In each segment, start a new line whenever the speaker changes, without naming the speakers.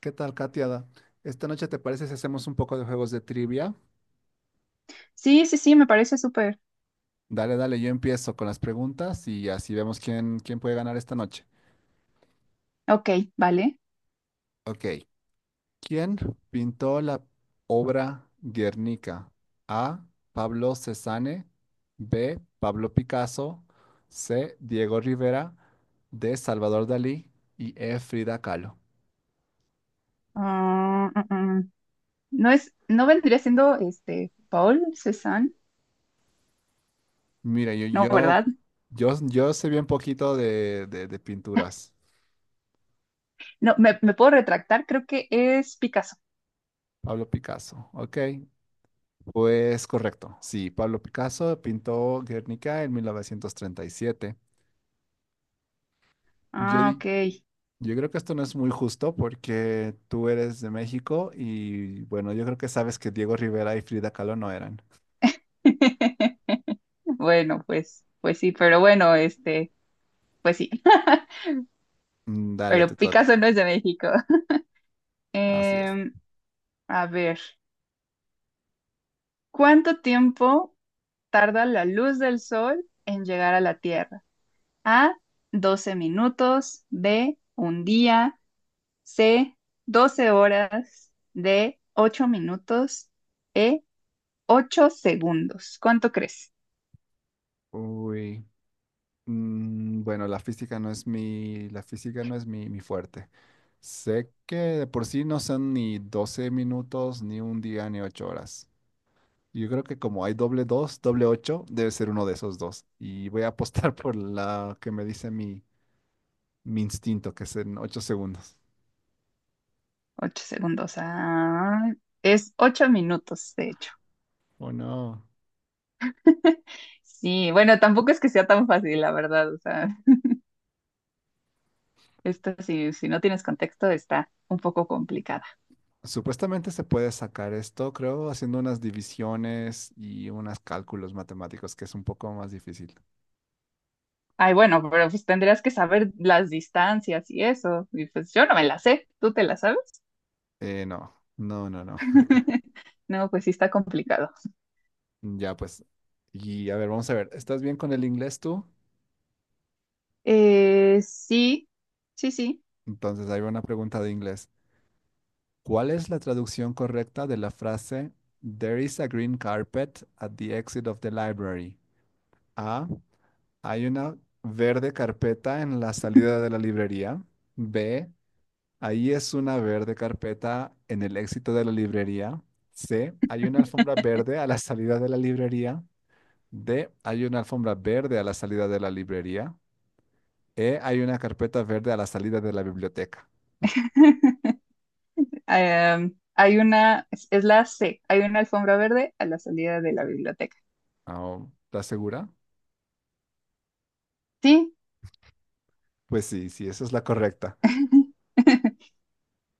¿Qué tal, Katiada? ¿Esta noche te parece si hacemos un poco de juegos de trivia?
Sí, sí, sí, me parece súper.
Dale, dale, yo empiezo con las preguntas y así vemos quién puede ganar esta noche.
Ok, vale.
Ok. ¿Quién pintó la obra Guernica? A. Pablo Cézanne. B. Pablo Picasso. C. Diego Rivera. D. Salvador Dalí. Y E. Frida Kahlo.
Ah, mm, mm. No vendría siendo este Paul Cézanne,
Mira, yo,
no,
yo,
¿verdad?
yo, yo sé bien poquito de pinturas.
No, me puedo retractar, creo que es Picasso.
Pablo Picasso. Ok, pues correcto, sí, Pablo Picasso pintó Guernica en 1937. Yo,
Ah,
di-
ok.
yo creo que esto no es muy justo porque tú eres de México y bueno, yo creo que sabes que Diego Rivera y Frida Kahlo no eran.
Bueno, pues sí, pero bueno, este, pues sí.
Mm. Dale,
Pero
te
Picasso
toca.
no es de México.
Así es.
Em, a ver, ¿cuánto tiempo tarda la luz del sol en llegar a la Tierra? A, 12 minutos, B, un día. C, 12 horas. D, 8 minutos. E, 8 segundos. ¿Cuánto crees?
Uy, bueno, la física no es mi fuerte. Sé que de por sí no son ni 12 minutos, ni un día, ni 8 horas. Yo creo que como hay doble dos, doble ocho, debe ser uno de esos dos. Y voy a apostar por la que me dice mi instinto, que es en 8 segundos.
8 segundos. Ah, es 8 minutos, de hecho.
Oh, no.
Sí, bueno, tampoco es que sea tan fácil, la verdad. O sea, esto si no tienes contexto está un poco complicada.
Supuestamente se puede sacar esto, creo, haciendo unas divisiones y unos cálculos matemáticos, que es un poco más difícil.
Ay, bueno, pero pues tendrías que saber las distancias y eso. Y pues yo no me las sé, ¿tú te las sabes?
No, no, no, no.
No, pues sí está complicado.
Ya pues. Y a ver, vamos a ver. ¿Estás bien con el inglés tú?
Sí, sí, sí.
Entonces, ahí va una pregunta de inglés. ¿Cuál es la traducción correcta de la frase There is a green carpet at the exit of the library? A. Hay una verde carpeta en la salida de la librería. B. Ahí es una verde carpeta en el éxito de la librería. C. Hay una alfombra verde a la salida de la librería. D. Hay una alfombra verde a la salida de la librería. E. Hay una carpeta verde a la salida de la biblioteca.
Es la C, hay una alfombra verde a la salida de la biblioteca.
Ah, ¿estás segura?
Sí,
Pues sí, sí, esa es la correcta.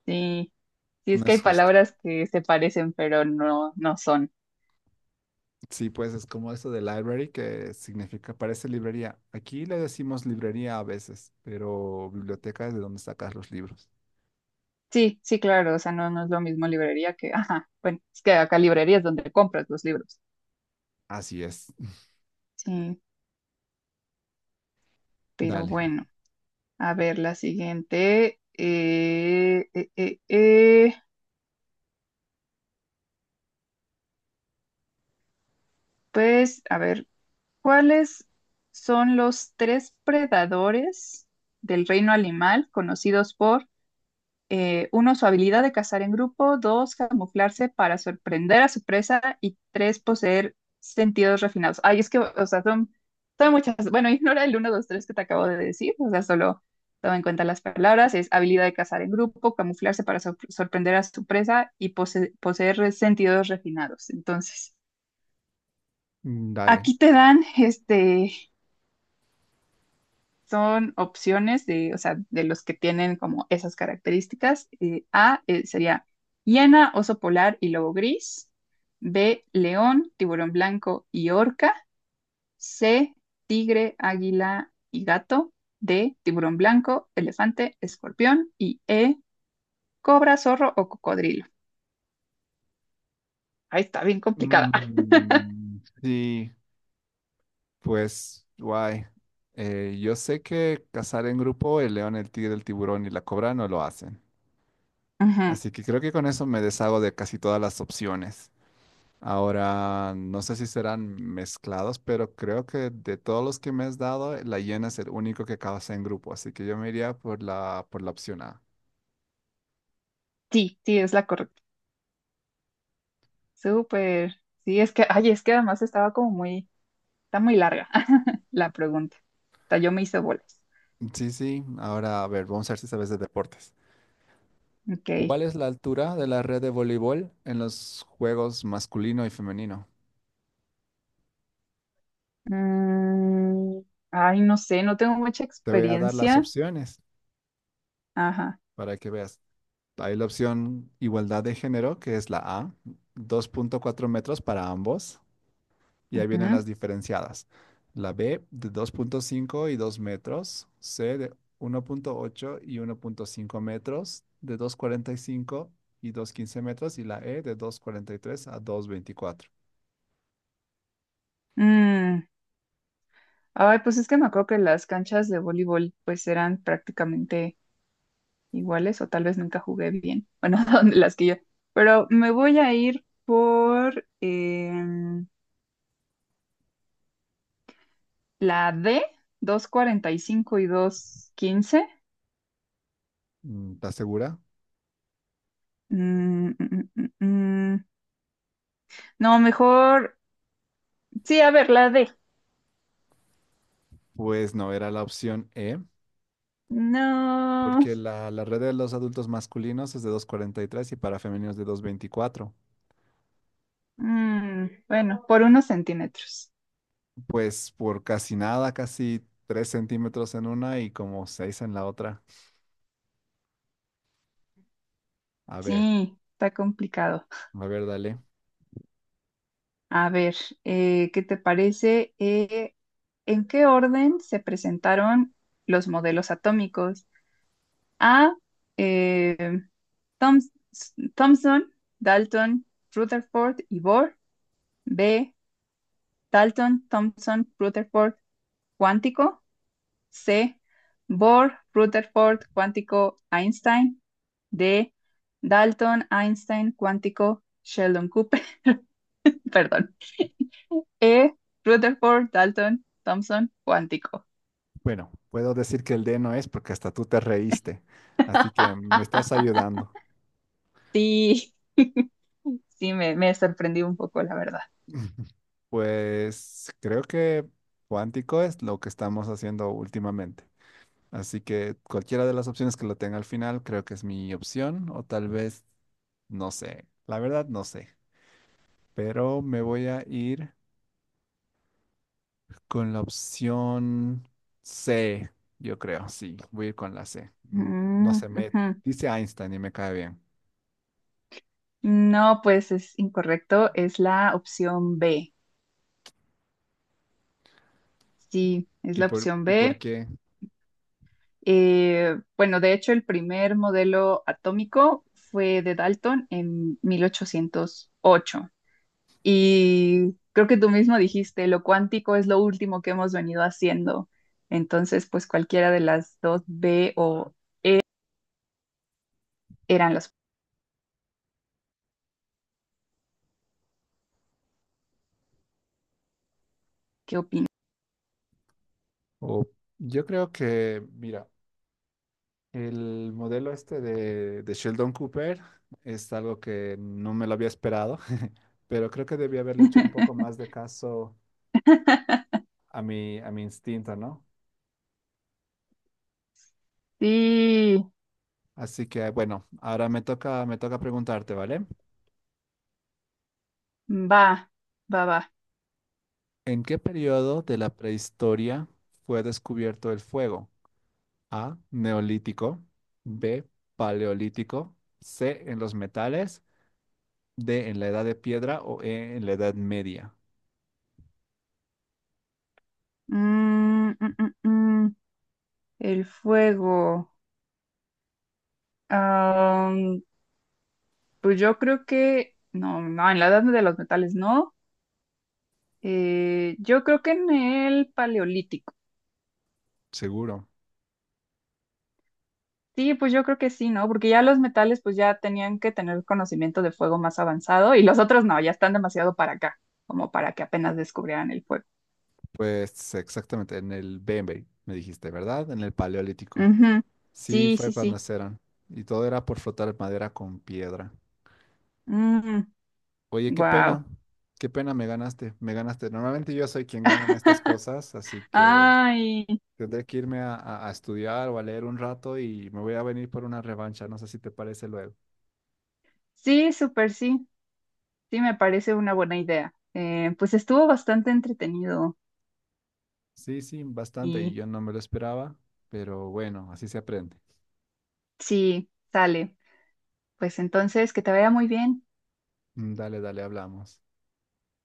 sí, sí, es
No
que hay
es justo.
palabras que se parecen, pero no, no son.
Sí, pues es como eso de library, que significa, parece librería. Aquí le decimos librería a veces, pero biblioteca es de donde sacas los libros.
Sí, sí, claro, o sea, no, no es lo mismo librería que, ajá, bueno, es que acá librería es donde compras los libros.
Así es.
Sí, pero
Dale,
bueno, a ver, la siguiente, pues, a ver. ¿Cuáles son los tres predadores del reino animal conocidos por, uno, su habilidad de cazar en grupo, dos, camuflarse para sorprender a su presa y tres, poseer sentidos refinados? Ay, es que, o sea, son muchas. Bueno, ignora el uno, dos, tres que te acabo de decir, o sea, solo toma en cuenta las palabras. Es habilidad de cazar en grupo, camuflarse para sorprender a su presa y poseer sentidos refinados. Entonces,
dale.
aquí te dan este. Son opciones de, o sea, de los que tienen como esas características. A, sería hiena, oso polar y lobo gris. B, león, tiburón blanco y orca. C, tigre, águila y gato. D, tiburón blanco, elefante, escorpión. Y E, cobra, zorro o cocodrilo. Ahí está, bien complicada.
Mm, sí, pues, guay. Yo sé que cazar en grupo, el león, el tigre, el tiburón y la cobra no lo hacen.
Ujú.
Así que creo que con eso me deshago de casi todas las opciones. Ahora, no sé si serán mezclados, pero creo que de todos los que me has dado, la hiena es el único que causa en grupo, así que yo me iría por la opción A.
Sí, sí, es la correcta. Súper. Sí, es que, ay, es que además estaba como muy, está muy larga la pregunta. Hasta yo me hice bolas.
Sí, sí, ahora a ver, vamos a ver si sabes de deportes.
Ok.
¿Cuál es la altura de la red de voleibol en los juegos masculino y femenino?
Mm, Ay, no sé, no tengo mucha
Te voy a dar las
experiencia.
opciones
Ajá.
para que veas. Hay la opción igualdad de género, que es la A, 2.4 metros para ambos. Y ahí vienen
Ujú.
las diferenciadas. La B de 2.5 y 2 metros, C de 1.8 y 1.5 metros, de 2.45 y 2.15 metros, y la E de 2.43 a 2.24.
Mm, Ay, pues es que me acuerdo que las canchas de voleibol pues eran prácticamente iguales o tal vez nunca jugué bien. Bueno, donde las que yo. Pero me voy a ir por la D, 240 y 2.15.
¿Estás segura?
Mm, mm, mm, mm, mm. No, mejor. Sí, a ver, la D.
Pues no, era la opción E,
No.
porque la red de los adultos masculinos es de 2.43 y para femeninos de 2.24.
Bueno, por unos centímetros.
Pues por casi nada, casi 3 centímetros en una y como 6 en la otra. A ver,
Sí, está complicado.
a ver, dale.
A ver, ¿qué te parece? ¿En qué orden se presentaron los modelos atómicos? A, eh, Thoms- Thomson, Dalton, Rutherford y Bohr. B, Dalton, Thomson, Rutherford, cuántico. C. Bohr, Rutherford, cuántico, Einstein. D. Dalton, Einstein, cuántico, Sheldon Cooper. Perdón. E. Rutherford, Dalton, Thomson, cuántico.
Bueno, puedo decir que el D no es porque hasta tú te reíste, así que me estás ayudando.
Sí, sí, me sorprendí un poco, la verdad.
Pues creo que cuántico es lo que estamos haciendo últimamente. Así que cualquiera de las opciones que lo tenga al final creo que es mi opción o tal vez, no sé, la verdad no sé, pero me voy a ir con la opción C, yo creo, sí, voy a ir con la C. No
Mm,
sé, me
ujú.
dice Einstein y me cae bien.
No, pues es incorrecto. Es la opción B. Sí, es
¿Y
la
por,
opción
y por
B.
qué?
Bueno, de hecho, el primer modelo atómico fue de Dalton en 1808. Y creo que tú mismo dijiste, lo cuántico es lo último que hemos venido haciendo. Entonces, pues cualquiera de las dos B o eran las que opinan.
O yo creo que, mira, el modelo este de Sheldon Cooper es algo que no me lo había esperado, pero creo que debí haberle hecho un poco más de caso a mi instinto, ¿no?
Sí,
Así que, bueno, ahora me toca preguntarte, ¿vale?
va, va, va.
¿En qué periodo de la prehistoria fue descubierto el fuego? A, neolítico, B, paleolítico, C, en los metales, D en la edad de piedra o E en la edad media.
Mm, mm, mm, mm. El fuego. Am, pues yo creo que, no, no, en la edad de los metales no. Yo creo que en el paleolítico.
Seguro.
Sí, pues yo creo que sí, ¿no? Porque ya los metales pues ya tenían que tener conocimiento de fuego más avanzado y los otros no, ya están demasiado para acá, como para que apenas descubrieran el fuego.
Pues exactamente, en el B, M B, me dijiste, ¿verdad? En el paleolítico.
Ujú.
Sí,
Sí,
fue
sí,
cuando
sí.
eran. Y todo era por frotar madera con piedra. Oye, qué
Wow.
pena. Qué pena, me ganaste. Me ganaste. Normalmente yo soy quien gana en estas cosas, así que
Ay,
tendré que irme a estudiar o a leer un rato y me voy a venir por una revancha. No sé si te parece luego.
sí, súper sí. Sí, me parece una buena idea. Pues estuvo bastante entretenido
Sí, sí, bastante y
y
yo no me lo esperaba, pero bueno, así se aprende.
sí, sale. Pues entonces, que te vaya muy bien.
Dale, dale, hablamos.